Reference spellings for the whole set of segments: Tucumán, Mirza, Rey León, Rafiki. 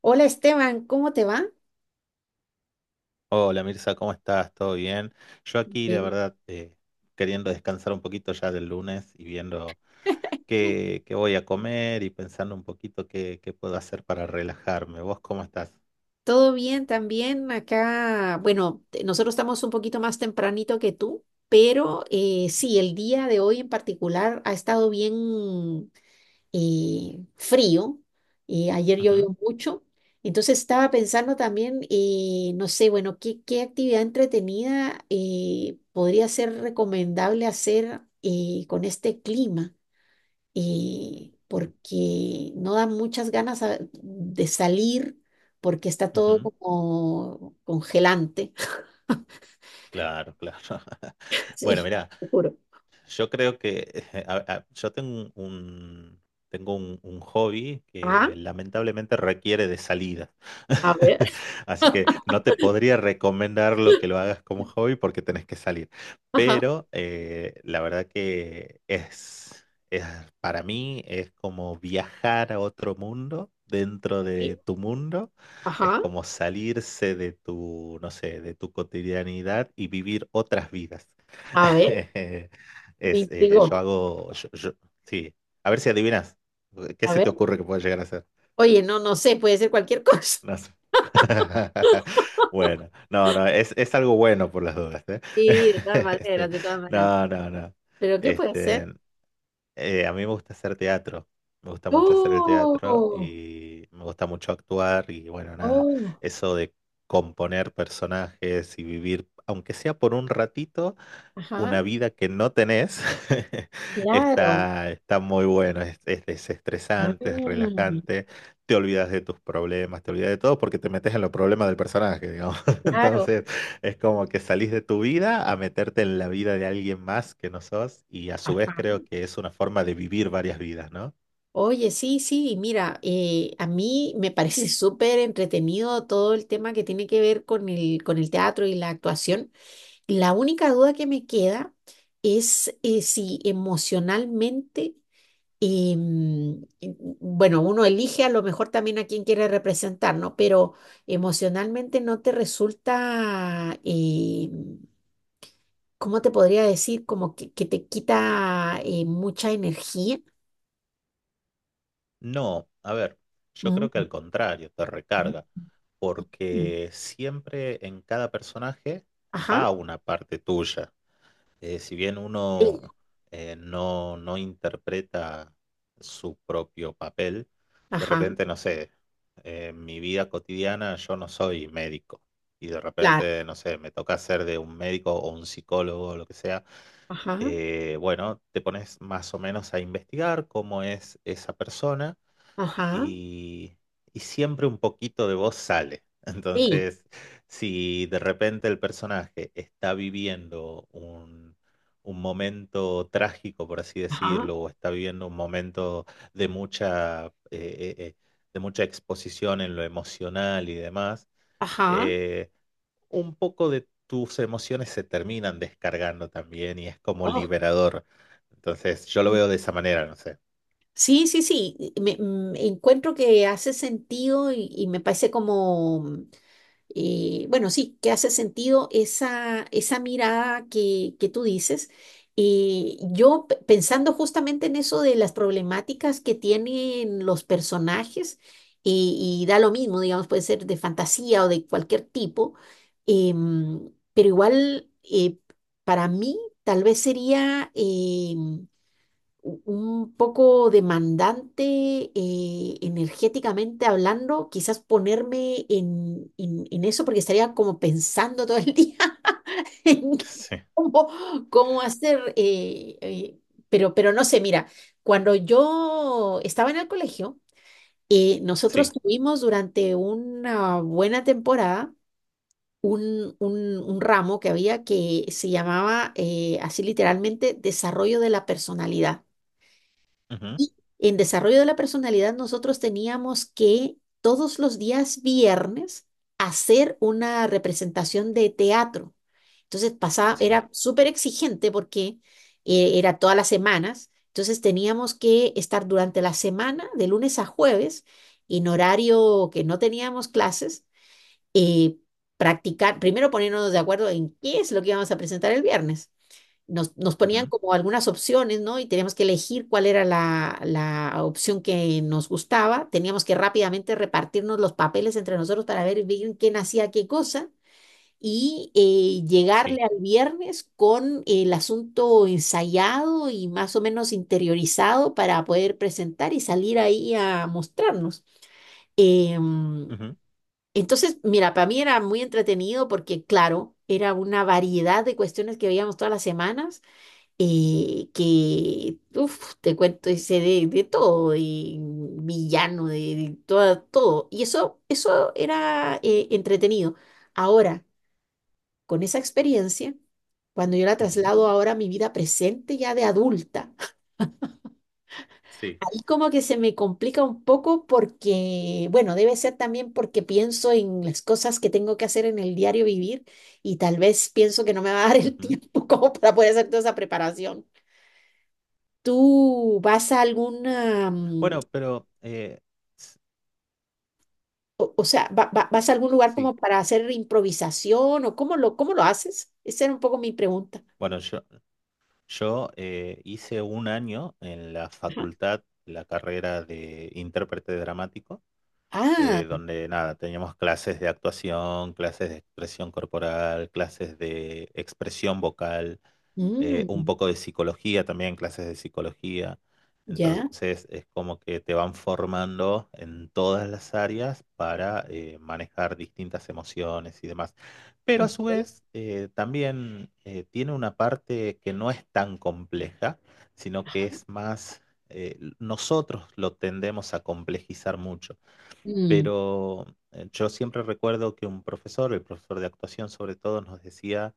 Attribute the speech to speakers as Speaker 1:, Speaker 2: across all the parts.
Speaker 1: Hola Esteban, ¿cómo te va?
Speaker 2: Hola Mirza, ¿cómo estás? ¿Todo bien? Yo aquí, la
Speaker 1: Bien.
Speaker 2: verdad, queriendo descansar un poquito ya del lunes y viendo qué voy a comer y pensando un poquito qué puedo hacer para relajarme. ¿Vos cómo estás?
Speaker 1: ¿Todo bien también acá? Bueno, nosotros estamos un poquito más tempranito que tú, pero sí, el día de hoy en particular ha estado bien frío. Ayer llovió
Speaker 2: Ujú,
Speaker 1: mucho, entonces estaba pensando también, no sé, bueno, qué actividad entretenida podría ser recomendable hacer con este clima. Porque no dan muchas ganas de salir porque está todo
Speaker 2: ujú.
Speaker 1: como congelante.
Speaker 2: Claro, claro. Bueno,
Speaker 1: Sí,
Speaker 2: mirá,
Speaker 1: te juro.
Speaker 2: yo creo que yo tengo un, un hobby
Speaker 1: Ah,
Speaker 2: que lamentablemente requiere de salida.
Speaker 1: a ver.
Speaker 2: Así que no te podría recomendar lo que lo hagas como hobby porque tenés que salir.
Speaker 1: Ajá,
Speaker 2: Pero la verdad que es, para mí, es como viajar a otro mundo, dentro
Speaker 1: sí,
Speaker 2: de tu mundo, es
Speaker 1: ajá,
Speaker 2: como salirse de tu, no sé, de tu cotidianidad y vivir otras vidas.
Speaker 1: a ver,
Speaker 2: Es,
Speaker 1: me
Speaker 2: yo
Speaker 1: digo,
Speaker 2: hago, yo- yo- Sí, a ver si adivinas. ¿Qué
Speaker 1: a
Speaker 2: se
Speaker 1: ver,
Speaker 2: te ocurre que pueda llegar a ser?
Speaker 1: oye, no sé, puede ser cualquier cosa.
Speaker 2: No sé. Bueno, no, no, es, algo bueno por las dudas, ¿eh?
Speaker 1: Sí, de todas
Speaker 2: Este,
Speaker 1: maneras, de todas maneras.
Speaker 2: no, no, no.
Speaker 1: ¿Pero qué puede
Speaker 2: Este,
Speaker 1: ser?
Speaker 2: a mí me gusta hacer teatro. Me gusta mucho hacer el teatro
Speaker 1: Oh,
Speaker 2: y me gusta mucho actuar y bueno, nada,
Speaker 1: oh,
Speaker 2: eso de componer personajes y vivir, aunque sea por un ratito,
Speaker 1: ajá,
Speaker 2: una vida que no tenés,
Speaker 1: claro,
Speaker 2: está muy bueno, es
Speaker 1: ah,
Speaker 2: desestresante, es relajante, te olvidas de tus problemas, te olvidas de todo porque te metes en los problemas del personaje, digamos.
Speaker 1: claro,
Speaker 2: Entonces es como que salís de tu vida a meterte en la vida de alguien más que no sos y, a su vez,
Speaker 1: ajá.
Speaker 2: creo que es una forma de vivir varias vidas, ¿no?
Speaker 1: Oye, sí, sí, mira, a mí me parece súper entretenido todo el tema que tiene que ver con con el teatro y la actuación. La única duda que me queda es si emocionalmente, bueno, uno elige a lo mejor también a quién quiere representar, ¿no? Pero emocionalmente no te resulta, ¿cómo te podría decir? Como que te quita mucha energía.
Speaker 2: No, a ver, yo creo que
Speaker 1: Mm,
Speaker 2: al contrario, te
Speaker 1: mm.
Speaker 2: recarga,
Speaker 1: Mm.
Speaker 2: porque siempre en cada personaje
Speaker 1: Ajá.
Speaker 2: va una parte tuya. Si bien
Speaker 1: Sí,
Speaker 2: uno no, no interpreta su propio papel, de
Speaker 1: ajá,
Speaker 2: repente, no sé, en mi vida cotidiana yo no soy médico y de
Speaker 1: claro,
Speaker 2: repente, no sé, me toca ser de un médico o un psicólogo o lo que sea,
Speaker 1: ajá,
Speaker 2: bueno, te pones más o menos a investigar cómo es esa persona
Speaker 1: ajá,
Speaker 2: y, siempre un poquito de vos sale.
Speaker 1: sí,
Speaker 2: Entonces, si de repente el personaje está viviendo un, momento trágico, por así
Speaker 1: ajá,
Speaker 2: decirlo, o está viviendo un momento de mucha, eh, eh, eh, de mucha exposición en lo emocional y demás,
Speaker 1: ajá.
Speaker 2: eh, un poco de tus emociones se terminan descargando también y es como
Speaker 1: Oh,
Speaker 2: liberador. Entonces, yo lo
Speaker 1: mm.
Speaker 2: veo de esa manera, no sé.
Speaker 1: Sí, sí, sí, encuentro que hace sentido y me parece como, bueno, sí, que hace sentido esa mirada que tú dices. Y yo pensando justamente en eso de las problemáticas que tienen los personajes, y da lo mismo, digamos, puede ser de fantasía o de cualquier tipo, pero igual para mí tal vez sería un poco demandante energéticamente hablando, quizás ponerme en eso porque estaría como pensando todo el día en
Speaker 2: Sí,
Speaker 1: cómo, cómo hacer, pero no sé, mira, cuando yo estaba en el colegio, nosotros
Speaker 2: sí.
Speaker 1: tuvimos durante una buena temporada un, un ramo que había que se llamaba así literalmente desarrollo de la personalidad.
Speaker 2: Ujú,
Speaker 1: Y en desarrollo de la personalidad nosotros teníamos que todos los días viernes hacer una representación de teatro. Entonces pasaba,
Speaker 2: sí.
Speaker 1: era súper exigente porque era todas las semanas. Entonces teníamos que estar durante la semana, de lunes a jueves, en horario que no teníamos clases, eh, practicar, primero ponernos de acuerdo en qué es lo que íbamos a presentar el viernes, nos ponían
Speaker 2: Ujú.
Speaker 1: como algunas opciones, ¿no? Y teníamos que elegir cuál era la opción que nos gustaba. Teníamos que rápidamente repartirnos los papeles entre nosotros para ver bien quién hacía qué cosa y llegarle
Speaker 2: Sí.
Speaker 1: al viernes con el asunto ensayado y más o menos interiorizado para poder presentar y salir ahí a mostrarnos. Em,
Speaker 2: Ujú,
Speaker 1: entonces, mira, para mí era muy entretenido porque, claro, era una variedad de cuestiones que veíamos todas las semanas que, uf, te cuento, hice de todo, y villano, todo. Y eso era entretenido. Ahora, con esa experiencia, cuando yo la
Speaker 2: ujú,
Speaker 1: traslado ahora a mi vida presente ya de adulta,
Speaker 2: sí.
Speaker 1: ahí como que se me complica un poco porque, bueno, debe ser también porque pienso en las cosas que tengo que hacer en el diario vivir y tal vez pienso que no me va a dar el
Speaker 2: Ujú.
Speaker 1: tiempo como para poder hacer toda esa preparación. ¿Tú vas a alguna, mm,
Speaker 2: Bueno, pero s-
Speaker 1: o sea, vas a algún lugar
Speaker 2: sí.
Speaker 1: como para hacer improvisación o cómo cómo lo haces? Esa era un poco mi pregunta.
Speaker 2: Bueno, yo, hice un año en la facultad, la carrera de intérprete dramático,
Speaker 1: Ah,
Speaker 2: donde nada, teníamos clases de actuación, clases de expresión corporal, clases de expresión vocal. Un
Speaker 1: mm,
Speaker 2: poco de psicología también, clases de psicología.
Speaker 1: ya,
Speaker 2: Entonces es como que te van formando en todas las áreas para manejar distintas emociones y demás. Pero, a su
Speaker 1: ok,
Speaker 2: vez, también tiene una parte que no es tan compleja, sino que
Speaker 1: ajá,
Speaker 2: es más, nosotros lo tendemos a complejizar mucho.
Speaker 1: mm,
Speaker 2: Pero yo siempre recuerdo que un profesor, el profesor de actuación sobre todo, nos decía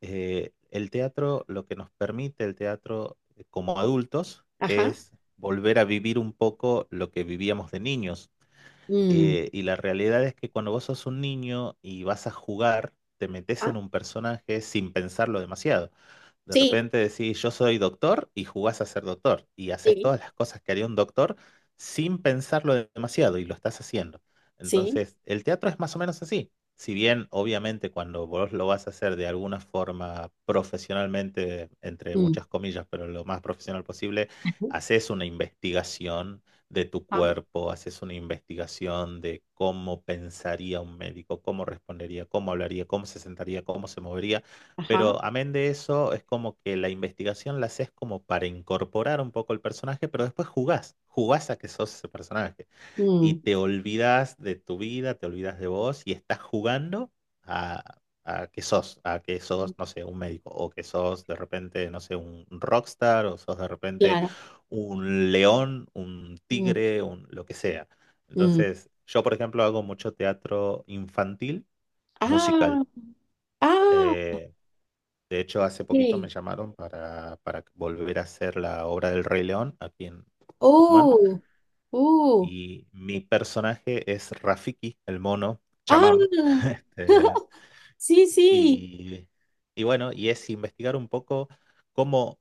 Speaker 2: el teatro, lo que nos permite el teatro como adultos,
Speaker 1: ajá,
Speaker 2: es volver a vivir un poco lo que vivíamos de niños.
Speaker 1: mm,
Speaker 2: Y la realidad es que cuando vos sos un niño y vas a jugar, te metes
Speaker 1: ajá,
Speaker 2: en un personaje sin pensarlo demasiado. De
Speaker 1: sí,
Speaker 2: repente decís, yo soy doctor, y jugás a ser doctor y haces
Speaker 1: sí,
Speaker 2: todas las cosas que haría un doctor sin pensarlo demasiado, y lo estás haciendo.
Speaker 1: sí,
Speaker 2: Entonces, el teatro es más o menos así. Si bien, obviamente, cuando vos lo vas a hacer de alguna forma profesionalmente, entre
Speaker 1: mm,
Speaker 2: muchas comillas, pero lo más profesional posible, haces una investigación de tu
Speaker 1: ajá,
Speaker 2: cuerpo, haces una investigación de cómo pensaría un médico, cómo respondería, cómo hablaría, cómo se sentaría, cómo se movería,
Speaker 1: ajá,
Speaker 2: pero, amén de eso, es como que la investigación la haces como para incorporar un poco el personaje, pero después jugás, jugás a que sos ese personaje. Y
Speaker 1: mm,
Speaker 2: te olvidas de tu vida, te olvidas de vos y estás jugando a, que sos,
Speaker 1: mm,
Speaker 2: no sé, un médico, o que sos de repente, no sé, un rockstar, o sos de repente
Speaker 1: claro,
Speaker 2: un león, un
Speaker 1: mm,
Speaker 2: tigre, un, lo que sea.
Speaker 1: mm.
Speaker 2: Entonces, yo, por ejemplo, hago mucho teatro infantil,
Speaker 1: Ah,
Speaker 2: musical.
Speaker 1: ah,
Speaker 2: Eh, de hecho, hace poquito me
Speaker 1: ok,
Speaker 2: llamaron para, volver a hacer la obra del Rey León aquí en Tucumán.
Speaker 1: oh, oh,
Speaker 2: Y mi personaje es Rafiki, el mono,
Speaker 1: ah,
Speaker 2: chamán. Este,
Speaker 1: sí, sí,
Speaker 2: y, bueno, y es investigar un poco cómo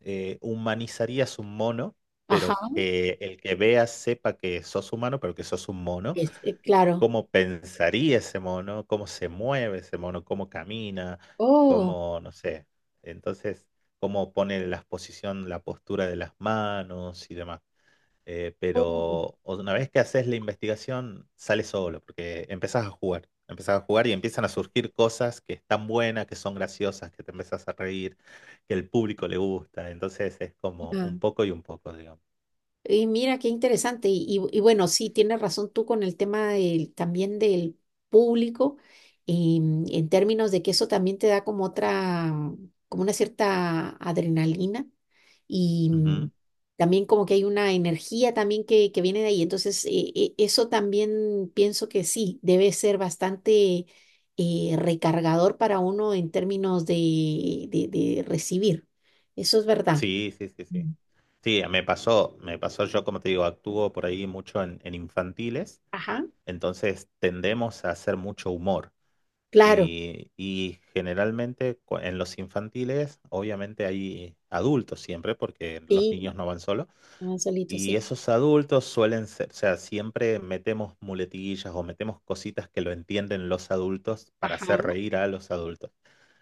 Speaker 2: humanizarías un mono,
Speaker 1: ajá.
Speaker 2: pero que el que vea sepa que sos humano, pero que sos un mono.
Speaker 1: Claro.
Speaker 2: Cómo pensaría ese mono, cómo se mueve ese mono, cómo camina,
Speaker 1: Oh,
Speaker 2: cómo, no sé, entonces, cómo pone la posición, la postura de las manos y demás. Eh,
Speaker 1: oh,
Speaker 2: pero una vez que haces la investigación, sale solo, porque empezás a jugar, empezás a jugar, y empiezan a surgir cosas que están buenas, que son graciosas, que te empezás a reír, que el público le gusta; entonces es como un
Speaker 1: ah.
Speaker 2: poco y un poco, digamos.
Speaker 1: Y mira qué interesante. Y bueno, sí, tienes razón tú con el tema también del público, en términos de que eso también te da como otra, como una cierta adrenalina. Y mm,
Speaker 2: Ujú.
Speaker 1: también como que hay una energía también que viene de ahí. Entonces, eso también pienso que sí, debe ser bastante recargador para uno en términos de recibir. Eso es verdad.
Speaker 2: Sí, sí, sí, sí.
Speaker 1: Mm.
Speaker 2: Sí, me pasó, yo, como te digo, actúo por ahí mucho en, infantiles,
Speaker 1: Ajá,
Speaker 2: entonces tendemos a hacer mucho humor
Speaker 1: claro.
Speaker 2: y, generalmente en los infantiles obviamente hay adultos siempre, porque los
Speaker 1: Sí,
Speaker 2: niños no van solos,
Speaker 1: no, solito,
Speaker 2: y
Speaker 1: sí.
Speaker 2: esos adultos suelen ser, o sea, siempre metemos muletillas o metemos cositas que lo entienden los adultos, para
Speaker 1: Ajá,
Speaker 2: hacer reír a los adultos.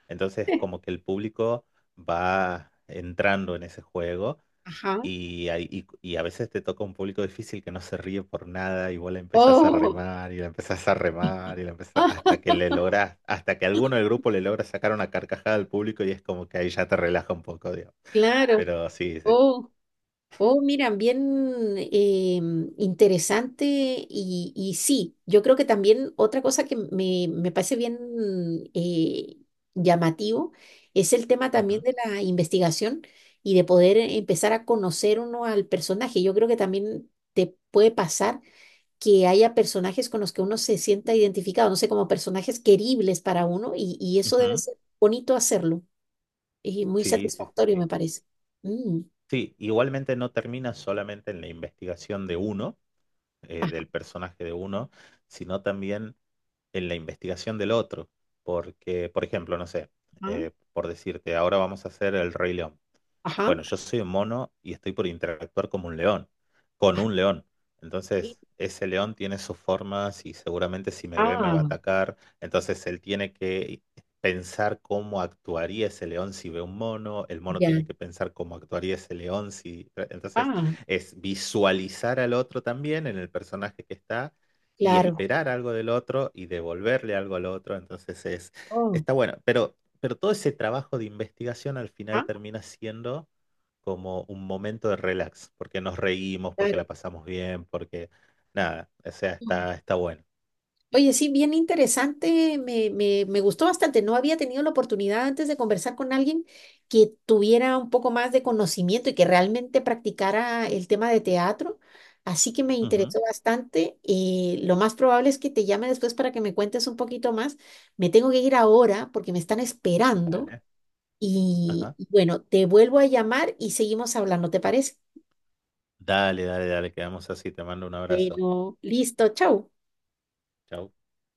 Speaker 2: Entonces, como que el público va entrando en ese juego.
Speaker 1: ajá.
Speaker 2: Y a veces te toca un público difícil que no se ríe por nada, y vos la empezás a
Speaker 1: Oh,
Speaker 2: remar y la empezás a remar y la empezás hasta que le logras, hasta que alguno del grupo le logra sacar una carcajada al público, y es como que ahí ya te relaja un poco, digamos.
Speaker 1: claro.
Speaker 2: Pero sí, sí.
Speaker 1: Oh. Oh, mira, bien interesante y sí, yo creo que también otra cosa que me parece bien eh, llamativo es el tema también
Speaker 2: Ujú,
Speaker 1: de la investigación y de poder empezar a conocer uno al personaje. Yo creo que también te puede pasar que haya personajes con los que uno se sienta identificado, no sé, como personajes queribles para uno y eso debe
Speaker 2: ujú.
Speaker 1: ser bonito hacerlo y muy
Speaker 2: Sí, sí, sí,
Speaker 1: satisfactorio, me
Speaker 2: sí.
Speaker 1: parece. Mm,
Speaker 2: Sí, igualmente no termina solamente en la investigación de uno, del personaje de uno, sino también en la investigación del otro. Porque, por ejemplo, no sé,
Speaker 1: ajá,
Speaker 2: por decirte, ahora vamos a hacer el Rey León.
Speaker 1: ajá.
Speaker 2: Bueno, yo soy un mono y estoy por interactuar como un león, con un león. Entonces, ese león tiene sus formas y seguramente, si me ve, me va a
Speaker 1: Ah,
Speaker 2: atacar. Entonces, él tiene que pensar cómo actuaría ese león si ve un mono. El mono
Speaker 1: ya,
Speaker 2: tiene que pensar cómo actuaría ese león si... Entonces,
Speaker 1: ah,
Speaker 2: es visualizar al otro también en el personaje que está y
Speaker 1: claro.
Speaker 2: esperar algo del otro y devolverle algo al otro. Entonces, es...
Speaker 1: Oh,
Speaker 2: está bueno, pero... Pero todo ese trabajo de investigación al final
Speaker 1: ah,
Speaker 2: termina siendo como un momento de relax, porque nos reímos, porque
Speaker 1: claro.
Speaker 2: la pasamos bien, porque nada, o sea,
Speaker 1: Mm.
Speaker 2: está bueno.
Speaker 1: Oye, sí, bien interesante, me gustó bastante. No había tenido la oportunidad antes de conversar con alguien que tuviera un poco más de conocimiento y que realmente practicara el tema de teatro. Así que me
Speaker 2: Ujú.
Speaker 1: interesó bastante, y lo más probable es que te llame después para que me cuentes un poquito más. Me tengo que ir ahora porque me están esperando.
Speaker 2: Dale.
Speaker 1: Y
Speaker 2: Ajá.
Speaker 1: y bueno, te vuelvo a llamar y seguimos hablando, ¿te parece?
Speaker 2: Dale, dale, dale, quedamos así. Te mando un abrazo.
Speaker 1: Bueno, listo, chao.
Speaker 2: Chau.